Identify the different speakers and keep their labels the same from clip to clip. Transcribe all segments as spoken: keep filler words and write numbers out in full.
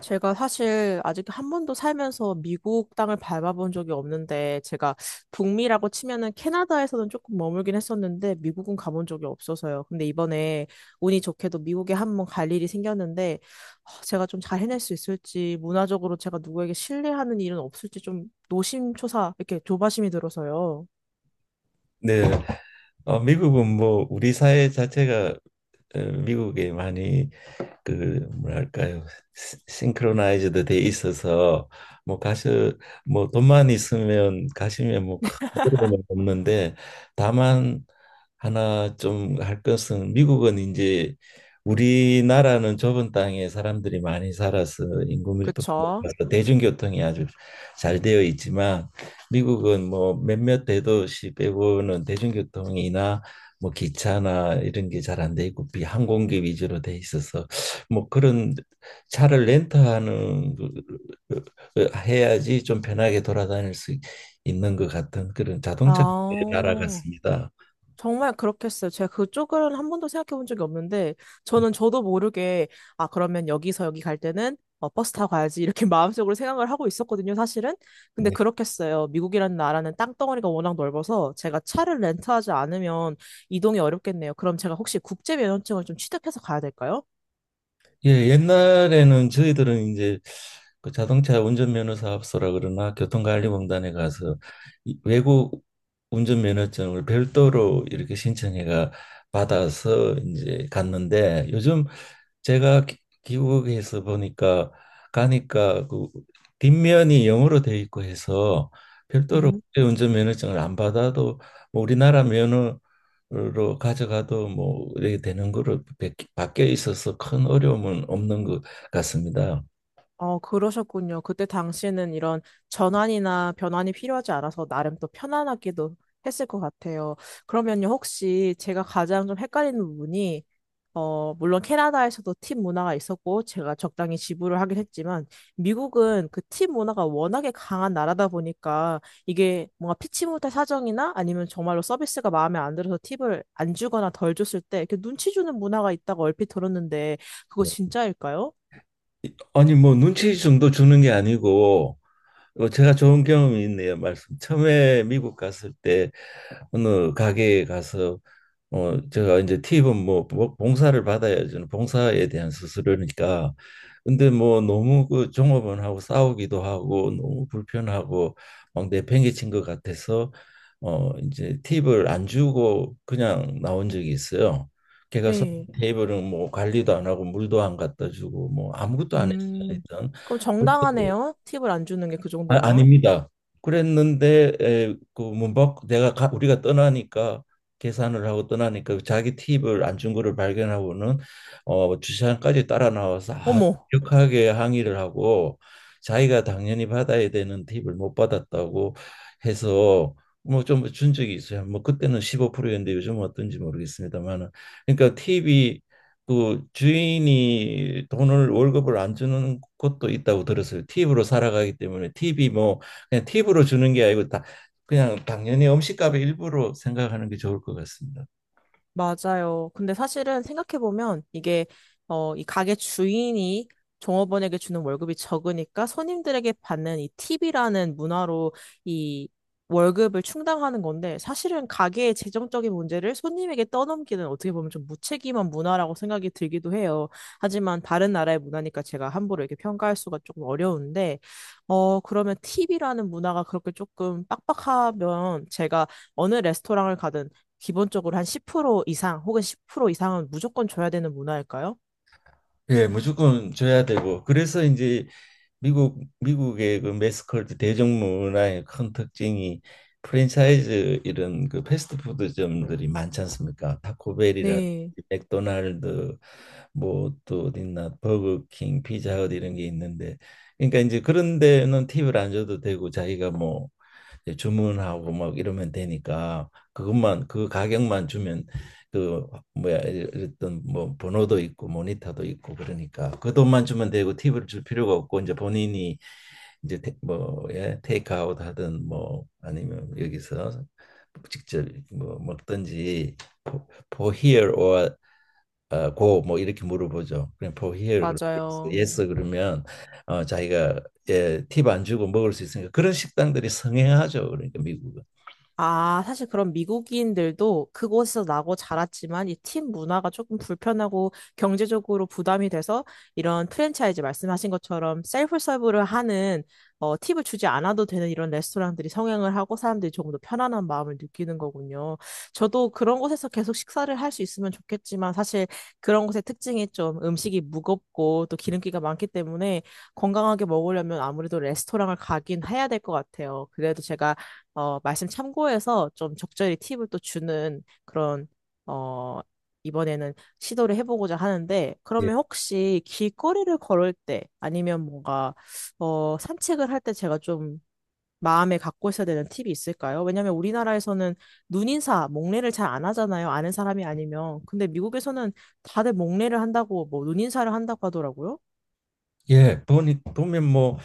Speaker 1: 제가 사실 아직 한 번도 살면서 미국 땅을 밟아본 적이 없는데, 제가 북미라고 치면은 캐나다에서는 조금 머물긴 했었는데, 미국은 가본 적이 없어서요. 근데 이번에 운이 좋게도 미국에 한 번 갈 일이 생겼는데, 아, 제가 좀 잘 해낼 수 있을지, 문화적으로 제가 누구에게 신뢰하는 일은 없을지 좀 노심초사, 이렇게 조바심이 들어서요.
Speaker 2: 네, 어, 미국은 뭐 우리 사회 자체가 어, 미국에 많이 그 뭐랄까요, 싱크로나이즈드 돼 있어서 뭐 가수 뭐 돈만 있으면 가시면 뭐큰 어려움 없는데, 다만 하나 좀 할 것은 미국은 이제 우리나라는 좁은 땅에 사람들이 많이 살아서 인구 밀도가
Speaker 1: 그쵸?
Speaker 2: 높아서 대중교통이 아주 잘 되어 있지만, 미국은 뭐 몇몇 대도시 빼고는 대중교통이나 뭐 기차나 이런 게 잘 안 돼 있고 비항공기 위주로 돼 있어서 뭐 그런 차를 렌트하는 그- 그, 그, 해야지 좀 편하게 돌아다닐 수 있는 것 같은 그런 자동차 나라
Speaker 1: 아.
Speaker 2: 같습니다.
Speaker 1: 정말 그렇겠어요. 제가 그쪽은 한 번도 생각해 본 적이 없는데, 저는 저도 모르게, 아, 그러면 여기서 여기 갈 때는 어, 버스 타고 가야지, 이렇게 마음속으로 생각을 하고 있었거든요, 사실은. 근데
Speaker 2: 네.
Speaker 1: 그렇겠어요. 미국이라는 나라는 땅덩어리가 워낙 넓어서 제가 차를 렌트하지 않으면 이동이 어렵겠네요. 그럼 제가 혹시 국제면허증을 좀 취득해서 가야 될까요?
Speaker 2: 예, 옛날에는 저희들은 이제 그 자동차 운전면허 사업소라 그러나 교통관리공단에 가서 이 외국 운전면허증을 별도로 이렇게 신청해가 받아서 이제 갔는데, 요즘 제가 기- 미국에서 보니까 가니까 그 뒷면이 영어로 돼 있고 해서 별도로
Speaker 1: 음.
Speaker 2: 운전 면허증을 안 받아도 뭐 우리나라 면허로 가져가도 뭐 이렇게 되는 거로 바- 바뀌어 있어서 큰 어려움은 없는 것 같습니다.
Speaker 1: 어, 그러셨군요. 그때 당시에는 이런 전환이나 변환이 필요하지 않아서 나름 또 편안하기도 했을 것 같아요. 그러면요, 혹시 제가 가장 좀 헷갈리는 부분이, 어, 물론 캐나다에서도 팀 문화가 있었고, 제가 적당히 지불을 하긴 했지만, 미국은 그 팀 문화가 워낙에 강한 나라다 보니까, 이게 뭔가 피치 못할 사정이나 아니면 정말로 서비스가 마음에 안 들어서 팁을 안 주거나 덜 줬을 때, 이렇게 눈치 주는 문화가 있다고 얼핏 들었는데, 그거
Speaker 2: 뭐,
Speaker 1: 진짜일까요?
Speaker 2: 아니 뭐 눈치 정도 주는 게 아니고 뭐 제가 좋은 경험이 있네요. 말씀 처음에 미국 갔을 때 어느 가게에 가서 어 제가 이제 팁은 뭐 봉- 봉사를 받아야 저는 봉사에 대한 수수료니까 근데 뭐 너무 그 종업원하고 싸우기도 하고 너무 불편하고 막 내팽개친 것 같아서 어 이제 팁을 안 주고 그냥 나온 적이 있어요. 걔가 손
Speaker 1: 네.
Speaker 2: 테이블은 뭐 관리도 안 하고 물도 안 갖다 주고 뭐 아무것도 안 했어요,
Speaker 1: 음,
Speaker 2: 일단.
Speaker 1: 그럼
Speaker 2: 그래서
Speaker 1: 정당하네요. 팁을 안 주는 게 그
Speaker 2: 아,
Speaker 1: 정도면.
Speaker 2: 아닙니다. 그랬는데 에, 그 문밖 내가 가, 우리가 떠나니까 계산을 하고 떠나니까 자기 팁을 안 준 거를 발견하고는 어, 주차장까지 따라 나와서 아주
Speaker 1: 어머,
Speaker 2: 격하게 항의를 하고 자기가 당연히 받아야 되는 팁을 못 받았다고 해서 뭐 좀 준 적이 있어요. 뭐 그때는 십오 프로였는데 요즘은 어떤지 모르겠습니다만은, 그러니까 팁이 그 주인이 돈을 월급을 안 주는 곳도 있다고 들었어요. 팁으로 살아가기 때문에 팁이 뭐 그냥 팁으로 주는 게 아니고 다 그냥 당연히 음식값의 일부로 생각하는 게 좋을 것 같습니다.
Speaker 1: 맞아요. 근데 사실은 생각해보면 이게, 어, 이 가게 주인이 종업원에게 주는 월급이 적으니까 손님들에게 받는 이 팁이라는 문화로 이 월급을 충당하는 건데 사실은 가게의 재정적인 문제를 손님에게 떠넘기는 어떻게 보면 좀 무책임한 문화라고 생각이 들기도 해요. 하지만 다른 나라의 문화니까 제가 함부로 이렇게 평가할 수가 조금 어려운데, 어, 그러면 팁이라는 문화가 그렇게 조금 빡빡하면 제가 어느 레스토랑을 가든 기본적으로 한 십 퍼센트 이상 혹은 십 퍼센트 이상은 무조건 줘야 되는 문화일까요?
Speaker 2: 예, 무조건 줘야 되고 그래서 이제 미국 미국의 그 매스컬트 대중문화의 큰 특징이 프랜차이즈 이런 그 패스트푸드점들이 많지 않습니까? 타코벨이라,
Speaker 1: 네,
Speaker 2: 맥도날드, 뭐 또 어디 있나, 버거킹, 피자헛 이런 게 있는데, 그러니까 이제 그런 데는 팁을 안 줘도 되고 자기가 뭐 이제 주문하고 막 이러면 되니까 그것만 그 가격만 주면 그 뭐야, 어떤 뭐 번호도 있고 모니터도 있고 그러니까 그 돈만 주면 되고 팁을 줄 필요가 없고 이제 본인이 이제 테, 뭐 예, 테이크아웃 하든 뭐 아니면 여기서 직접 뭐 먹든지 for here or 어, 고, 뭐, 이렇게 물어보죠. 그냥 for here, 그러면 yes,
Speaker 1: 맞아요.
Speaker 2: yes 그러면 어, 자기가 예, 팁안 주고 먹을 수 있으니까 그런 식당들이 성행하죠. 그러니까 미국은.
Speaker 1: 아, 사실 그런 미국인들도 그곳에서 나고 자랐지만 이 팀 문화가 조금 불편하고 경제적으로 부담이 돼서 이런 프랜차이즈 말씀하신 것처럼 셀프 서브를 하는 어, 팁을 주지 않아도 되는 이런 레스토랑들이 성행을 하고 사람들이 조금 더 편안한 마음을 느끼는 거군요. 저도 그런 곳에서 계속 식사를 할 수 있으면 좋겠지만 사실 그런 곳의 특징이 좀 음식이 무겁고 또 기름기가 많기 때문에 건강하게 먹으려면 아무래도 레스토랑을 가긴 해야 될 것 같아요. 그래도 제가 어, 말씀 참고해서 좀 적절히 팁을 또 주는 그런, 어, 이번에는 시도를 해보고자 하는데,
Speaker 2: 예,
Speaker 1: 그러면 혹시 길거리를 걸을 때 아니면 뭔가, 어, 산책을 할 때 제가 좀 마음에 갖고 있어야 되는 팁이 있을까요? 왜냐면 우리나라에서는 눈인사, 목례를 잘 안 하잖아요. 아는 사람이 아니면. 근데 미국에서는 다들 목례를 한다고, 뭐, 눈인사를 한다고 하더라고요.
Speaker 2: 예, 보니 보면 뭐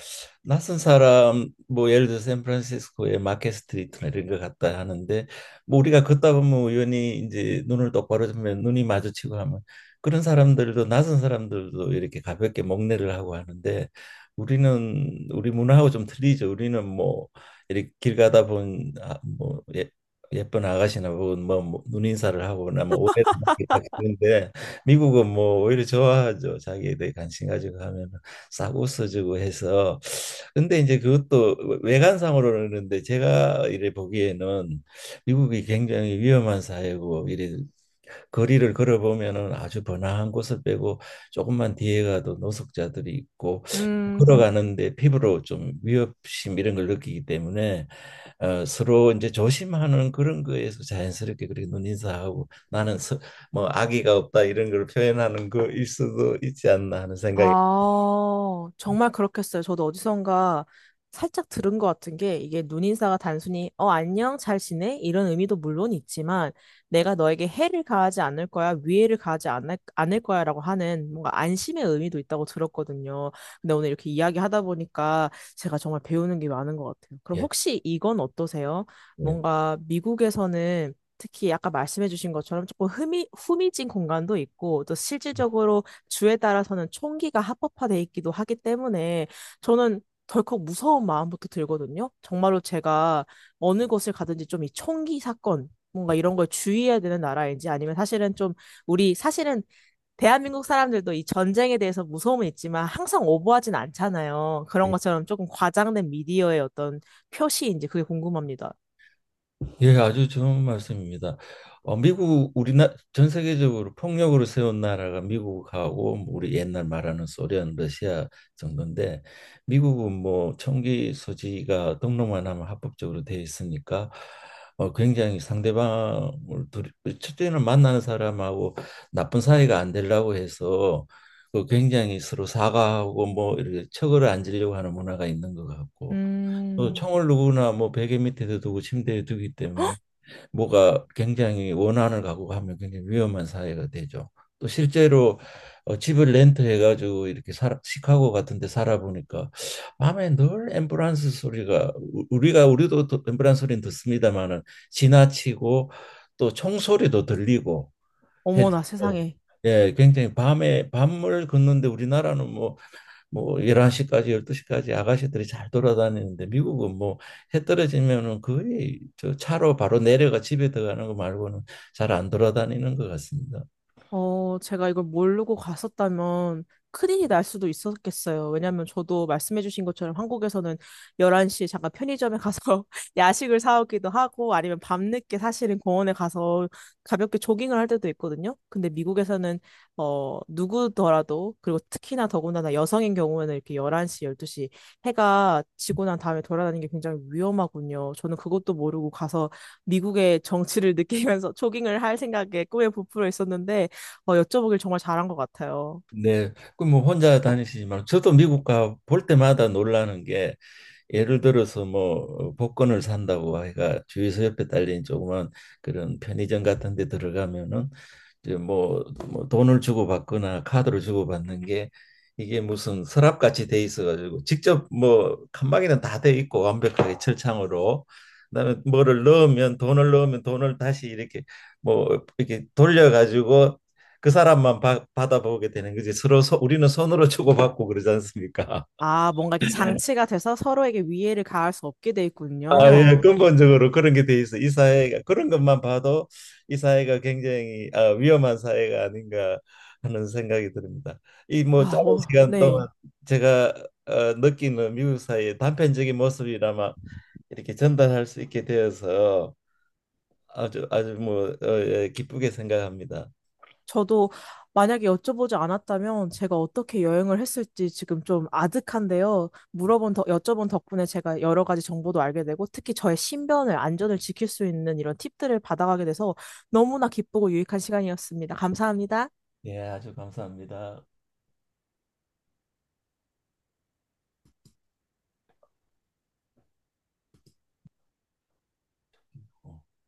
Speaker 2: 낯선 사람 뭐 예를 들어 샌프란시스코의 마켓 스트리트나 이런 것 같다 하는데 뭐 우리가 걷다 보면 우연히 이제 눈을 똑바로 뜨면 눈이 마주치고 하면 그런 사람들도 낯선 사람들도 이렇게 가볍게 목례를 하고 하는데, 우리는 우리 문화하고 좀 틀리죠. 우리는 뭐 이렇게 길 가다 본 아, 뭐 예, 예쁜 아가씨나 혹은 뭐, 뭐 눈인사를 하거나 뭐 오해를 받는데, 미국은 뭐 오히려 좋아하죠. 자기에 대해 관심 가지고 하면. 싸고 써주고 해서 근데 이제 그것도 외관상으로는 그런데, 제가 이래 보기에는 미국이 굉장히 위험한 사회고 이래 거리를 걸어보면은 아주 번화한 곳을 빼고 조금만 뒤에 가도 노숙자들이 있고
Speaker 1: 음,
Speaker 2: 걸어가는데 피부로 좀 위협심 이런 걸 느끼기 때문에 어, 서로 이제 조심하는 그런 거에서 자연스럽게 그렇게 눈인사하고 나는 서, 뭐 악의가 없다 이런 걸 표현하는 거일 수도 있지 않나 하는 생각이.
Speaker 1: 아, 정말 그렇겠어요. 저도 어디선가 살짝 들은 것 같은 게 이게 눈인사가 단순히 어, 안녕, 잘 지내? 이런 의미도 물론 있지만 내가 너에게 해를 가하지 않을 거야, 위해를 가하지 않을, 않을 거야라고 하는 뭔가 안심의 의미도 있다고 들었거든요. 근데 오늘 이렇게 이야기하다 보니까 제가 정말 배우는 게 많은 것 같아요. 그럼
Speaker 2: 예.
Speaker 1: 혹시 이건 어떠세요?
Speaker 2: 예.
Speaker 1: 뭔가 미국에서는 특히 아까 말씀해주신 것처럼 조금 흠이, 후미진 공간도 있고 또
Speaker 2: 예,
Speaker 1: 실질적으로 주에 따라서는 총기가 합법화돼 있기도 하기 때문에 저는 덜컥 무서운 마음부터 들거든요. 정말로 제가 어느 곳을 가든지 좀 이 총기 사건 뭔가 이런 걸 주의해야 되는 나라인지 아니면 사실은 좀 우리 사실은 대한민국 사람들도 이 전쟁에 대해서 무서움은 있지만 항상 오버하진 않잖아요. 그런 것처럼 조금 과장된 미디어의 어떤 표시인지 그게 궁금합니다.
Speaker 2: 예, 아주 좋은 말씀입니다. 어, 미국 우리나 전 세계적으로 폭력으로 세운 나라가 미국하고 뭐 우리 옛날 말하는 소련, 러시아 정도인데, 미국은 뭐 총기 소지가 등록만 하면 합법적으로 돼 있으니까 어, 굉장히 상대방을 두 첫째는 만나는 사람하고 나쁜 사이가 안 되려고 해서 그 굉장히 서로 사과하고 뭐 이렇게 척을 안 지려고 하는 문화가 있는 것 같고, 또
Speaker 1: 음.
Speaker 2: 총을 누구나 뭐 베개 밑에도 두고 침대에 두기 때문에 뭐가 굉장히 원한을 갖고 하면 굉장히 위험한 사회가 되죠. 또 실제로 어, 집을 렌트해 가지고 이렇게 살아, 시카고 같은 데 살아보니까 밤에 늘 앰뷸런스 소리가 우- 우리가 우리도 또 앰뷸런스 소리는 듣습니다마는 지나치고 또 총소리도 들리고 해서
Speaker 1: 어머나 세상에.
Speaker 2: 예, 굉장히 밤에 밤을 걷는데 우리나라는 뭐 뭐 열한 시까지 열두 시까지 아가씨들이 잘 돌아다니는데, 미국은 뭐 해 떨어지면은 거의 저 차로 바로 내려가 집에 들어가는 거 말고는 잘 안 돌아다니는 것 같습니다.
Speaker 1: 어, 제가 이걸 모르고 갔었다면 큰일이 날 수도 있었겠어요. 왜냐면 저도 말씀해주신 것처럼 한국에서는 열한 시에 잠깐 편의점에 가서 야식을 사오기도 하고 아니면 밤늦게 사실은 공원에 가서 가볍게 조깅을 할 때도 있거든요. 근데 미국에서는 어, 누구더라도 그리고 특히나 더군다나 여성인 경우에는 이렇게 열한 시, 열두 시 해가 지고 난 다음에 돌아다니는 게 굉장히 위험하군요. 저는 그것도 모르고 가서 미국의 정치를 느끼면서 조깅을 할 생각에 꿈에 부풀어 있었는데 어, 여쭤보길 정말 잘한 것 같아요.
Speaker 2: 네, 그뭐 혼자 다니시지만 저도 미국 가 볼 때마다 놀라는 게 예를 들어서 뭐 복권을 산다고 해가 주유소 옆에 딸린 조그만 그런 편의점 같은 데 들어가면은 이제 뭐, 뭐 돈을 주고 받거나 카드를 주고 받는 게 이게 무슨 서랍같이 돼 있어가지고 직접 뭐 칸막이는 다 돼 있고 완벽하게 철창으로 그다음에 뭐를 넣으면 돈을 넣으면 돈을 다시 이렇게 뭐 이렇게 돌려가지고 그 사람만 바, 받아보게 되는 거지. 서로 소, 우리는 손으로 주고받고 그러지 않습니까?
Speaker 1: 아, 뭔가 이렇게 장치가 돼서 서로에게 위해를 가할 수 없게 돼
Speaker 2: 아, 예,
Speaker 1: 있군요.
Speaker 2: 근본적으로 그런 게 돼 있어. 이 사회가 그런 것만 봐도 이 사회가 굉장히 아, 위험한 사회가 아닌가 하는 생각이 듭니다. 이 뭐
Speaker 1: 아,
Speaker 2: 짧은
Speaker 1: 어,
Speaker 2: 시간
Speaker 1: 네.
Speaker 2: 동안 제가 어, 느끼는 미국 사회의 단편적인 모습이라마 이렇게 전달할 수 있게 되어서 아주 아주 뭐 어, 예, 기쁘게 생각합니다.
Speaker 1: 저도 만약에 여쭤보지 않았다면 제가 어떻게 여행을 했을지 지금 좀 아득한데요. 물어본 더, 여쭤본 덕분에 제가 여러 가지 정보도 알게 되고 특히 저의 신변을, 안전을 지킬 수 있는 이런 팁들을 받아가게 돼서 너무나 기쁘고 유익한 시간이었습니다. 감사합니다.
Speaker 2: 예, 아주 감사합니다. 어.